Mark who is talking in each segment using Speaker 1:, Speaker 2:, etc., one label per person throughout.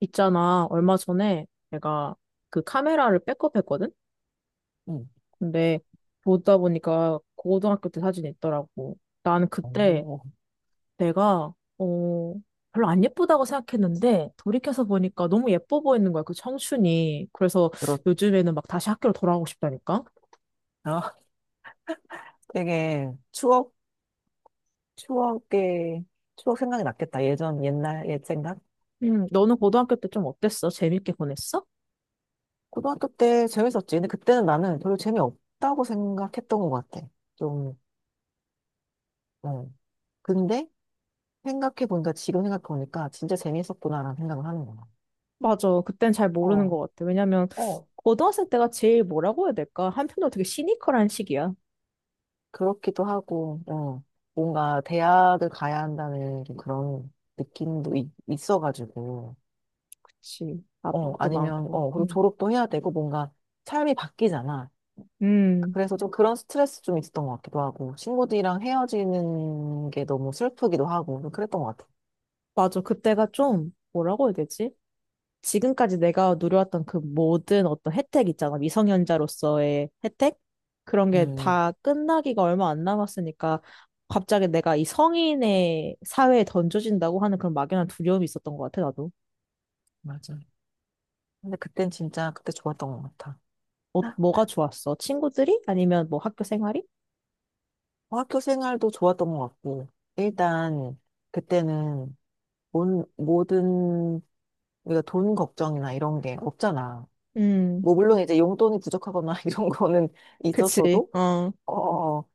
Speaker 1: 있잖아, 얼마 전에 내가 그 카메라를 백업했거든?
Speaker 2: 응.
Speaker 1: 근데 보다 보니까 고등학교 때 사진이 있더라고. 나는 그때
Speaker 2: 어,
Speaker 1: 내가, 별로 안 예쁘다고 생각했는데 돌이켜서 보니까 너무 예뻐 보이는 거야, 그 청춘이. 그래서
Speaker 2: 그렇
Speaker 1: 요즘에는 막 다시 학교로 돌아가고 싶다니까?
Speaker 2: 아 되게 추억에, 추억 생각이 났겠다. 옛 생각?
Speaker 1: 너는 고등학교 때 좀 어땠어? 재밌게 보냈어?
Speaker 2: 고등학교 때 재밌었지. 근데 그때는 나는 별로 재미없다고 생각했던 것 같아. 좀, 응. 근데 지금 생각해보니까 진짜 재밌었구나라는 생각을 하는 거야.
Speaker 1: 맞아. 그땐 잘 모르는
Speaker 2: 어,
Speaker 1: 것 같아. 왜냐면,
Speaker 2: 어,
Speaker 1: 고등학생 때가 제일 뭐라고 해야 될까? 한편으로 되게 시니컬한 시기야.
Speaker 2: 그렇기도 하고, 뭔가 대학을 가야 한다는 좀 그런 느낌도 있어가지고,
Speaker 1: 그치. 압박도 많고.
Speaker 2: 그리고
Speaker 1: 음.
Speaker 2: 졸업도 해야 되고, 뭔가 삶이 바뀌잖아.
Speaker 1: 음,
Speaker 2: 그래서 좀 그런 스트레스 좀 있었던 것 같기도 하고, 친구들이랑 헤어지는 게 너무 슬프기도 하고, 좀 그랬던 것 같아.
Speaker 1: 맞아. 그때가 좀, 뭐라고 해야 되지? 지금까지 내가 누려왔던 그 모든 어떤 혜택 있잖아. 미성년자로서의 혜택? 그런 게
Speaker 2: 음,
Speaker 1: 다 끝나기가 얼마 안 남았으니까 갑자기 내가 이 성인의 사회에 던져진다고 하는 그런 막연한 두려움이 있었던 것 같아, 나도.
Speaker 2: 맞아. 근데 그땐 진짜 그때 좋았던 것 같아.
Speaker 1: 뭐가 좋았어? 친구들이? 아니면 뭐 학교 생활이?
Speaker 2: 어, 학교 생활도 좋았던 것 같고, 일단 그때는 모든 우리가 돈 걱정이나 이런 게 없잖아.
Speaker 1: 음,
Speaker 2: 뭐 물론 이제 용돈이 부족하거나 이런 거는
Speaker 1: 그치.
Speaker 2: 있었어도,
Speaker 1: 어,
Speaker 2: 어, 어, 어.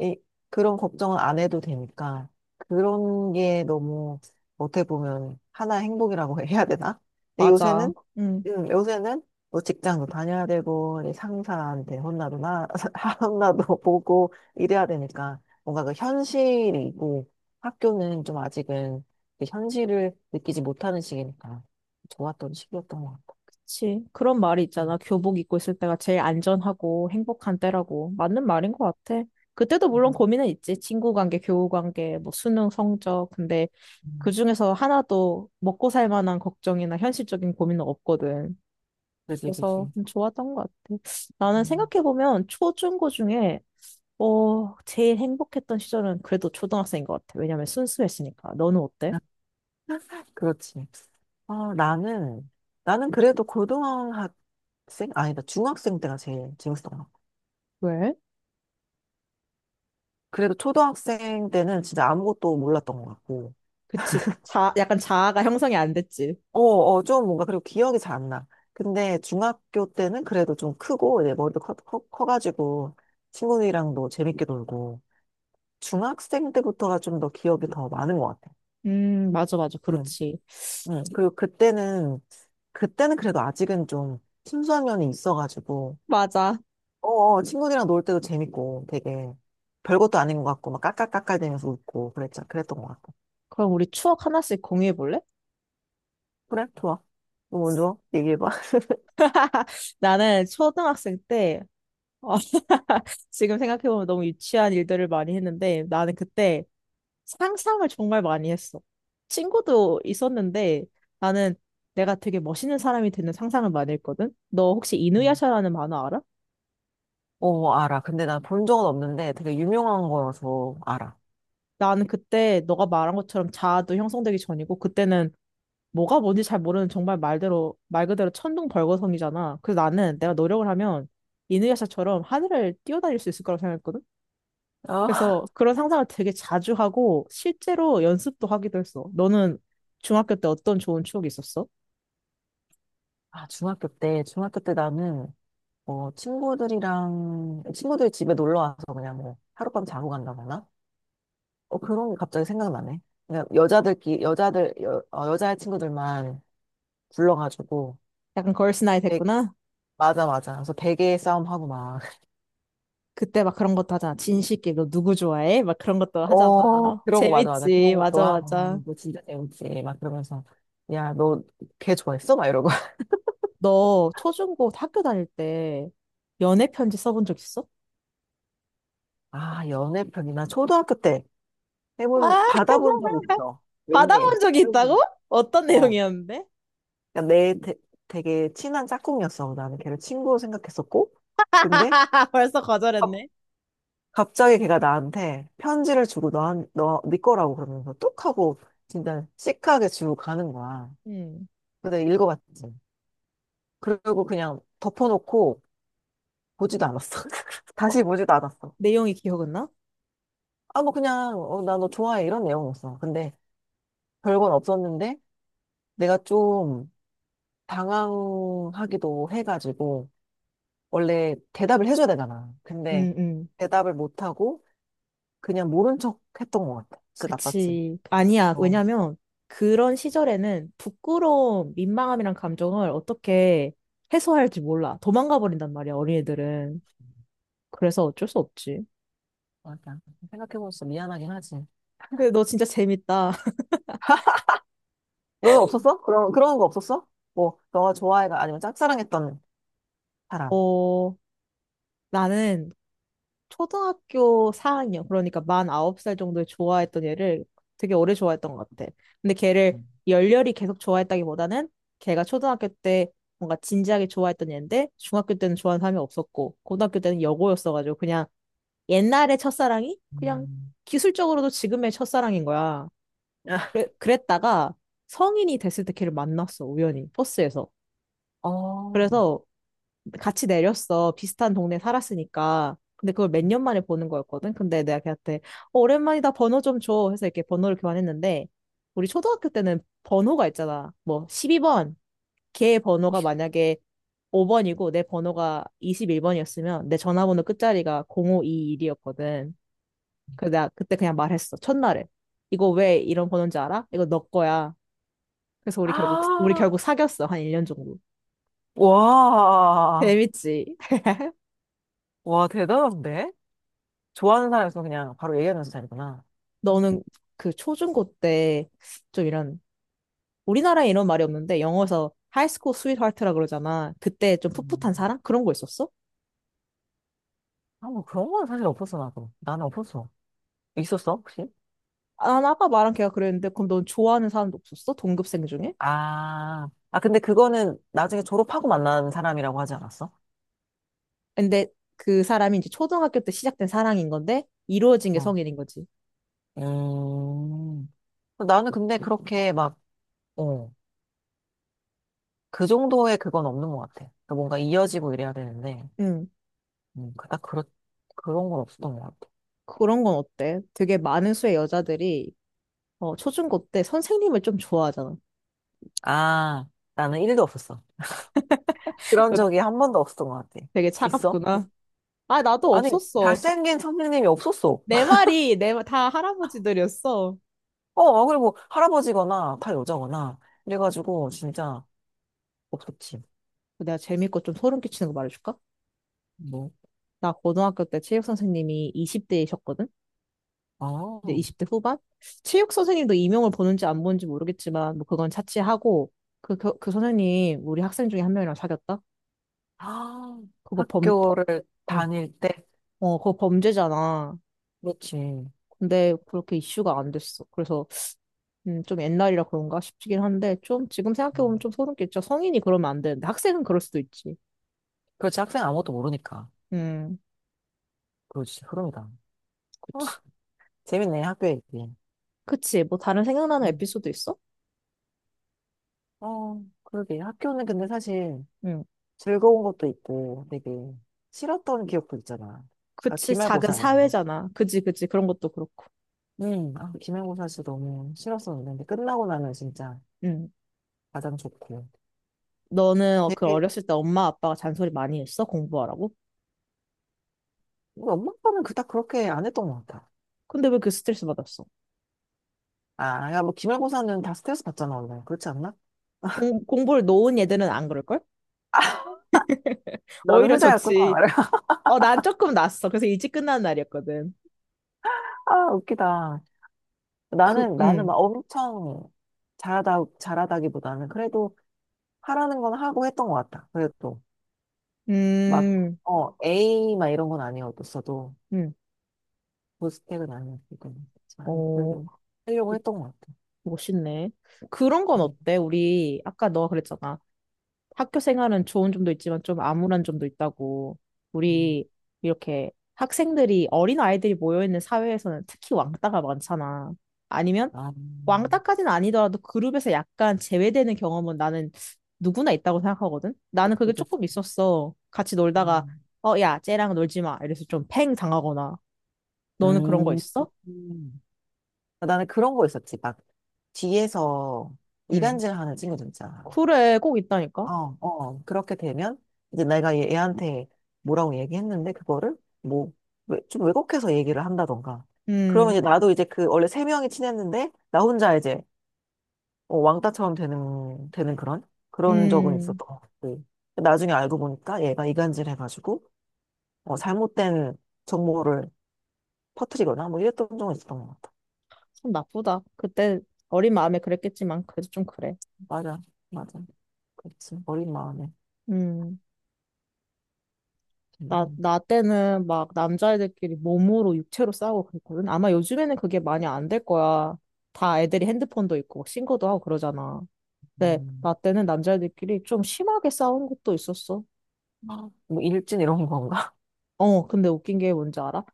Speaker 2: 이 그런 걱정은 안 해도 되니까 그런 게 너무 어떻게 보면 하나의 행복이라고 해야 되나? 근데
Speaker 1: 맞아.
Speaker 2: 요새는
Speaker 1: 음.
Speaker 2: 요새는 뭐 직장도 다녀야 되고 이제 상사한테 혼나도 나 혼나도 보고 이래야 되니까 뭔가 그 현실이고 학교는 좀 아직은 그 현실을 느끼지 못하는 시기니까 좋았던 시기였던 것 같아.
Speaker 1: 그치. 그런 말이 있잖아.
Speaker 2: 음,
Speaker 1: 교복 입고 있을 때가 제일 안전하고 행복한 때라고. 맞는 말인 것 같아. 그때도 물론
Speaker 2: 음,
Speaker 1: 고민은 있지. 친구 관계, 교우 관계, 뭐 수능 성적. 근데
Speaker 2: 음.
Speaker 1: 그중에서 하나도 먹고 살 만한 걱정이나 현실적인 고민은 없거든.
Speaker 2: 그지,
Speaker 1: 그래서
Speaker 2: 그지.
Speaker 1: 좀 좋았던 것 같아. 나는
Speaker 2: 음.
Speaker 1: 생각해보면 초, 중, 고 중에 어, 제일 행복했던 시절은 그래도 초등학생인 것 같아. 왜냐면 순수했으니까. 너는 어때?
Speaker 2: 그렇지. 아, 나는, 나는 그래도 중학생 때가 제일 재밌었던 것 같고.
Speaker 1: 왜?
Speaker 2: 그래도 초등학생 때는 진짜 아무것도 몰랐던 것 같고.
Speaker 1: 그치. 자, 약간 자아가 형성이 안 됐지.
Speaker 2: 어, 어, 좀 뭔가, 그리고 기억이 잘 안 나. 근데 중학교 때는 그래도 좀 크고, 이제 머리도 커가지고, 친구들이랑도 재밌게 놀고. 중학생 때부터가 좀 더 기억이 더 많은 것 같아.
Speaker 1: 맞아, 맞아.
Speaker 2: 응,
Speaker 1: 그렇지.
Speaker 2: 응. 그때는 그래도 아직은 좀 순수한 면이 있어가지고,
Speaker 1: 맞아.
Speaker 2: 어, 어, 친구들이랑 놀 때도 재밌고 되게 별것도 아닌 것 같고 막 깔깔깔깔대면서 웃고 그랬자 그랬던 것 같고
Speaker 1: 그럼 우리 추억 하나씩 공유해 볼래?
Speaker 2: 그래 좋아 너 먼저 얘기해봐
Speaker 1: 나는 초등학생 때, 어, 지금 생각해보면 너무 유치한 일들을 많이 했는데, 나는 그때 상상을 정말 많이 했어. 친구도 있었는데, 나는 내가 되게 멋있는 사람이 되는 상상을 많이 했거든? 너 혹시
Speaker 2: 음.
Speaker 1: 이누야샤라는 만화 알아?
Speaker 2: 어 알아 근데 난 본 적은 없는데 되게 유명한 거여서 알아
Speaker 1: 나는 그때 너가 말한 것처럼 자아도 형성되기 전이고, 그때는 뭐가 뭔지 잘 모르는 정말 말대로, 말 그대로 천둥벌거성이잖아. 그래서 나는 내가 노력을 하면 이누야샤처럼 하늘을 뛰어다닐 수 있을 거라고 생각했거든?
Speaker 2: 아,
Speaker 1: 그래서 그런 상상을 되게 자주 하고 실제로 연습도 하기도 했어. 너는 중학교 때 어떤 좋은 추억이 있었어?
Speaker 2: 중학교 때 나는 어 친구들이랑 친구들 집에 놀러 와서 그냥 뭐 하룻밤 자고 간다거나 어 그런 게 갑자기 생각나네 그냥 여자들끼리 여자들 여, 어, 여자 친구들만 불러가지고
Speaker 1: 약간 걸스나이
Speaker 2: 되-
Speaker 1: 됐구나.
Speaker 2: 맞아 맞아 그래서 베개 싸움하고 막
Speaker 1: 그때 막 그런 것도 하잖아. 진실게 너 누구 좋아해? 막 그런 것도 하잖아.
Speaker 2: 어, 그런 거, 맞아, 맞아. 그런
Speaker 1: 재밌지.
Speaker 2: 것도
Speaker 1: 맞아, 맞아.
Speaker 2: 하고, 너 진짜 재밌지. 막 그러면서, 야, 너 걔 좋아했어? 막 이러고.
Speaker 1: 너 초중고 학교 다닐 때 연애 편지 써본 적 있어?
Speaker 2: 아, 연애편이나 초등학교 때
Speaker 1: 아,
Speaker 2: 받아본 적 있어. 웬일.
Speaker 1: 받아본 적이 있다고?
Speaker 2: 받아본
Speaker 1: 어떤
Speaker 2: 적. 어.
Speaker 1: 내용이었는데?
Speaker 2: 그러니까 되게 친한 짝꿍이었어. 나는 걔를 친구로 생각했었고. 근데,
Speaker 1: 아, 벌써
Speaker 2: 갑-
Speaker 1: 거절했네.
Speaker 2: 갑자기 걔가 나한테 편지를 주고 네 거라고 그러면서 뚝 하고, 진짜 시크하게 주고 가는 거야.
Speaker 1: 음.
Speaker 2: 근데 읽어봤지. 그리고 그냥 덮어놓고, 보지도 않았어.
Speaker 1: 어,
Speaker 2: 다시 보지도 않았어.
Speaker 1: 내용이 기억은 나?
Speaker 2: 아, 뭐 그냥 어, 나 너 좋아해 이런 내용이었어. 근데 별건 없었는데 내가 좀 당황하기도 해가지고 원래 대답을 해줘야 되잖아. 근데
Speaker 1: 음, 음.
Speaker 2: 대답을 못하고 그냥 모른 척 했던 것 같아. 진짜 나빴지.
Speaker 1: 그치. 아니야.
Speaker 2: 어,
Speaker 1: 왜냐면 그런 시절에는 부끄러움, 민망함이란 감정을 어떻게 해소할지 몰라. 도망가 버린단 말이야, 어린애들은. 그래서 어쩔 수 없지.
Speaker 2: 맞아. 생각해보면 진짜 미안하긴 하지.
Speaker 1: 근데 너 진짜 재밌다.
Speaker 2: 너는 없었어? 그런 거 없었어? 뭐, 너가 좋아해가 아니면 짝사랑했던 사람.
Speaker 1: 어, 나는 초등학교 4학년, 그러니까 만 9살 정도에 좋아했던 애를 되게 오래 좋아했던 것 같아. 근데 걔를
Speaker 2: 음.
Speaker 1: 열렬히 계속 좋아했다기보다는 걔가 초등학교 때 뭔가 진지하게 좋아했던 애인데 중학교 때는 좋아하는 사람이 없었고 고등학교 때는 여고였어가지고 그냥 옛날의 첫사랑이 그냥
Speaker 2: 음.
Speaker 1: 기술적으로도 지금의 첫사랑인 거야. 그래, 그랬다가 성인이 됐을 때 걔를 만났어, 우연히. 버스에서.
Speaker 2: 어.
Speaker 1: 그래서 같이 내렸어. 비슷한 동네 살았으니까. 근데 그걸 몇 년 만에 보는 거였거든. 근데 내가 걔한테 어, 오랜만이다 번호 좀 줘. 해서 이렇게 번호를 교환했는데 우리 초등학교 때는 번호가 있잖아. 뭐 12번. 걔 번호가 만약에 5번이고 내 번호가 21번이었으면 내 전화번호 끝자리가 0521이었거든. 그래서 내가 그때 그냥 말했어. 첫날에. 이거 왜 이런 번호인지 알아? 이거 너 거야. 그래서 우리 결국 우리
Speaker 2: 아,
Speaker 1: 결국 사귀었어. 한 1년 정도.
Speaker 2: 와.
Speaker 1: 재밌지.
Speaker 2: 와, 대단한데? 좋아하는 사람에서 그냥 바로 얘기하면서 자리구나.
Speaker 1: 너는 그 초중고 때 좀 이런 우리나라에 이런 말이 없는데 영어에서 하이스쿨 스윗하트라 그러잖아. 그때 좀 풋풋한
Speaker 2: 음.
Speaker 1: 사랑 그런 거 있었어?
Speaker 2: 아, 뭐 그런 건 사실 없었어, 나도. 나는 없었어. 있었어, 혹시?
Speaker 1: 아, 나 아까 말한 걔가 그랬는데 그럼 넌 좋아하는 사람도 없었어? 동급생 중에?
Speaker 2: 아, 아, 근데 그거는 나중에 졸업하고 만난 사람이라고 하지 않았어?
Speaker 1: 근데 그 사람이 이제 초등학교 때 시작된 사랑인 건데 이루어진 게
Speaker 2: 어.
Speaker 1: 성인인 거지.
Speaker 2: 음. 나는 근데 그렇게 막, 어, 그 정도의 그건 없는 것 같아. 그러니까 뭔가 이어지고 이래야 되는데,
Speaker 1: 응.
Speaker 2: 음, 그 딱 그렇, 그런 건 없었던 것 같아.
Speaker 1: 그런 건 어때? 되게 많은 수의 여자들이 어, 초중고 때 선생님을 좀 좋아하잖아.
Speaker 2: 아, 나는 일도 없었어. 그런
Speaker 1: 너
Speaker 2: 적이 한 번도 없었던 것 같아.
Speaker 1: 되게
Speaker 2: 있어?
Speaker 1: 차갑구나. 아, 나도
Speaker 2: 아니,
Speaker 1: 없었어.
Speaker 2: 잘생긴 선생님이 없었어.
Speaker 1: 내 말이 내 말- 다 할아버지들이었어.
Speaker 2: 어, 아, 그리고 할아버지거나 다 여자거나. 그래가지고 진짜 없었지.
Speaker 1: 그 내가 재밌고 좀 소름 끼치는 거 말해줄까?
Speaker 2: 뭐,
Speaker 1: 나 고등학교 때 체육 선생님이 20대이셨거든? 이제
Speaker 2: 아,
Speaker 1: 20대 후반? 체육 선생님도 이명을 보는지 안 보는지 모르겠지만, 뭐 그건 차치하고, 그 선생님, 우리 학생 중에 한 명이랑 사귀었다?
Speaker 2: 아,
Speaker 1: 그거 범, 범-
Speaker 2: 학교를
Speaker 1: 어,
Speaker 2: 다닐 때.
Speaker 1: 그거 범죄잖아.
Speaker 2: 그렇지.
Speaker 1: 근데 그렇게 이슈가 안 됐어. 그래서, 좀 옛날이라 그런가 싶긴 한데, 좀 지금 생각해보면
Speaker 2: 음.
Speaker 1: 좀 소름 끼쳐. 성인이 그러면 안 되는데, 학생은 그럴 수도 있지.
Speaker 2: 그렇지. 학생 아무것도 모르니까.
Speaker 1: 음,
Speaker 2: 그렇지. 흐름이다. 어,
Speaker 1: 그치.
Speaker 2: 재밌네, 학교 얘기.
Speaker 1: 그치. 뭐 다른 생각나는
Speaker 2: 음.
Speaker 1: 에피소드 있어?
Speaker 2: 어, 그러게. 학교는 근데 사실
Speaker 1: 응.
Speaker 2: 즐거운 것도 있고 되게 싫었던 기억도 있잖아. 그러니까
Speaker 1: 그치, 작은
Speaker 2: 기말고사 이런 거.
Speaker 1: 사회잖아. 그지, 그지. 그런 것도 그렇고.
Speaker 2: 응, 아, 기말고사 진짜 너무 싫었었는데, 끝나고 나면 진짜
Speaker 1: 응.
Speaker 2: 가장 좋고.
Speaker 1: 너는 어, 그
Speaker 2: 되게,
Speaker 1: 어렸을 때 엄마 아빠가 잔소리 많이 했어? 공부하라고?
Speaker 2: 우리 엄마 아빠는 그닥 그렇게 안 했던 것 같아.
Speaker 1: 근데 왜 그 스트레스 받았어?
Speaker 2: 아, 야, 뭐, 기말고사는 다 스트레스 받잖아, 원래. 그렇지 않나?
Speaker 1: 공부를 놓은 애들은 안 그럴걸?
Speaker 2: 너는
Speaker 1: 오히려
Speaker 2: 후자였구나.
Speaker 1: 좋지. 어, 난 조금 낫어. 그래서 일찍 끝나는 날이었거든.
Speaker 2: 아, 웃기다.
Speaker 1: 그,
Speaker 2: 나는 막
Speaker 1: 응.
Speaker 2: 엄청 잘하다기보다는 그래도 하라는 건 하고 했던 것 같다 그래도. 막,
Speaker 1: 음,
Speaker 2: 어, A 막 이런 건 아니었어도,
Speaker 1: 응.
Speaker 2: 고스펙은 아니었기 때문에. 아니,
Speaker 1: 어,
Speaker 2: 그래도 하려고 했던 것 같아.
Speaker 1: 멋있네. 그런 건
Speaker 2: 음,
Speaker 1: 어때? 우리, 아까 너가 그랬잖아. 학교 생활은 좋은 점도 있지만 좀 암울한 점도 있다고.
Speaker 2: 음.
Speaker 1: 우리 이렇게 학생들이 어린 아이들이 모여있는 사회에서는 특히 왕따가 많잖아. 아니면
Speaker 2: 아,
Speaker 1: 왕따까지는 아니더라도 그룹에서 약간 제외되는 경험은 나는 누구나 있다고 생각하거든. 나는 그게 조금
Speaker 2: 그랬어.
Speaker 1: 있었어. 같이 놀다가
Speaker 2: 음,
Speaker 1: 어, 야, 쟤랑 놀지 마. 이래서 좀 팽 당하거나. 너는 그런 거
Speaker 2: 음,
Speaker 1: 있어?
Speaker 2: 음. 아, 나는 그런 거 있었지. 막 뒤에서
Speaker 1: 응.
Speaker 2: 이간질 하는 친구들 있잖아.
Speaker 1: 그래, 꼭 있다니까.
Speaker 2: 어, 어. 그렇게 되면 이제 내가 얘한테 뭐라고 얘기했는데 그거를 뭐 좀 왜곡해서 얘기를 한다던가. 그러면 이제
Speaker 1: 음,
Speaker 2: 나도 이제 그 원래 세 명이 친했는데 나 혼자 이제 어, 왕따처럼 되는 그런 그런 적은
Speaker 1: 음,
Speaker 2: 있었던 것 같고. 나중에 알고 보니까 얘가 이간질 해가지고 어, 잘못된 정보를 퍼뜨리거나 뭐 이랬던 적은 있었던 것 같아.
Speaker 1: 참 나쁘다. 그때 어린 마음에 그랬겠지만 그래도 좀 그래.
Speaker 2: 맞아. 맞아. 그렇지. 어린 마음에.
Speaker 1: 음, 나,
Speaker 2: 음.
Speaker 1: 나 때는 막 남자애들끼리 몸으로 육체로 싸우고 그랬거든. 아마 요즘에는 그게 많이 안 될 거야. 다 애들이 핸드폰도 있고 막 신고도 하고 그러잖아. 근데
Speaker 2: 음.
Speaker 1: 나 때는 남자애들끼리 좀 심하게 싸운 것도 있었어.
Speaker 2: 아, 뭐 일진 이런 건가?
Speaker 1: 어, 근데 웃긴 게 뭔지 알아?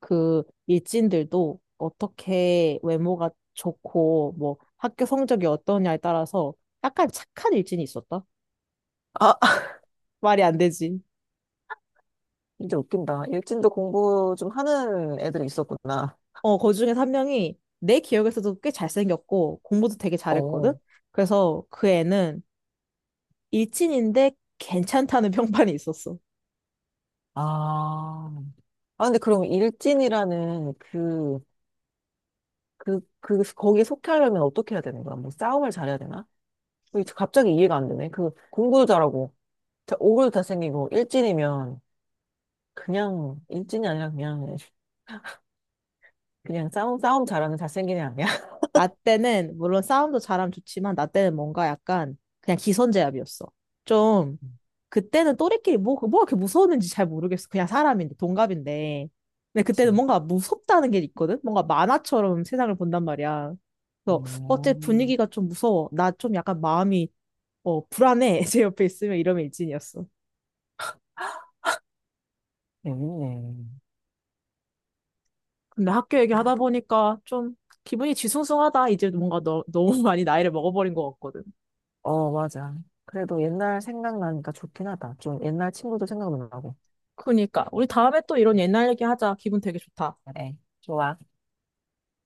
Speaker 1: 그 일진들도 어떻게 외모가 좋고 뭐 학교 성적이 어떠냐에 따라서 약간 착한 일진이 있었다.
Speaker 2: 아,
Speaker 1: 말이 안 되지.
Speaker 2: 진짜 웃긴다. 일진도 공부 좀 하는 애들이 있었구나.
Speaker 1: 어, 그 중에 한 명이 내 기억에서도 꽤 잘생겼고, 공부도 되게 잘했거든?
Speaker 2: 어.
Speaker 1: 그래서 그 애는 일진인데 괜찮다는 평판이 있었어.
Speaker 2: 아. 아, 근데 그럼 일진이라는 그, 거기에 속해 하려면 어떻게 해야 되는 거야? 뭐 싸움을 잘해야 되나? 뭐 이제 갑자기 이해가 안 되네. 그, 공부도 잘하고, 오글도 잘생기고, 일진이면 그냥, 일진이 아니라 그냥, 싸움 잘하는 잘생긴 애 아니야?
Speaker 1: 나 때는, 물론 싸움도 잘하면 좋지만, 나 때는 뭔가 약간 그냥 기선제압이었어. 좀, 그때는 또래끼리 뭐 그렇게 무서웠는지 잘 모르겠어. 그냥 사람인데, 동갑인데. 근데 그때는
Speaker 2: 그치.
Speaker 1: 뭔가 무섭다는 게 있거든? 뭔가 만화처럼 세상을 본단 말이야. 그래서 어째
Speaker 2: 음,
Speaker 1: 분위기가 좀 무서워. 나 좀 약간 마음이 어, 불안해. 제 옆에 있으면 이러면 일진이었어.
Speaker 2: 재밌네.
Speaker 1: 근데 학교 얘기하다 보니까 좀 기분이 뒤숭숭하다. 이제 뭔가 너무 많이 나이를 먹어버린 것 같거든.
Speaker 2: 어, 맞아. 그래도 옛날 생각나니까 좋긴 하다. 좀 옛날 친구도 생각나고.
Speaker 1: 그니까. 우리 다음에 또 이런 옛날 얘기하자. 기분 되게 좋다.
Speaker 2: 그래, 좋아.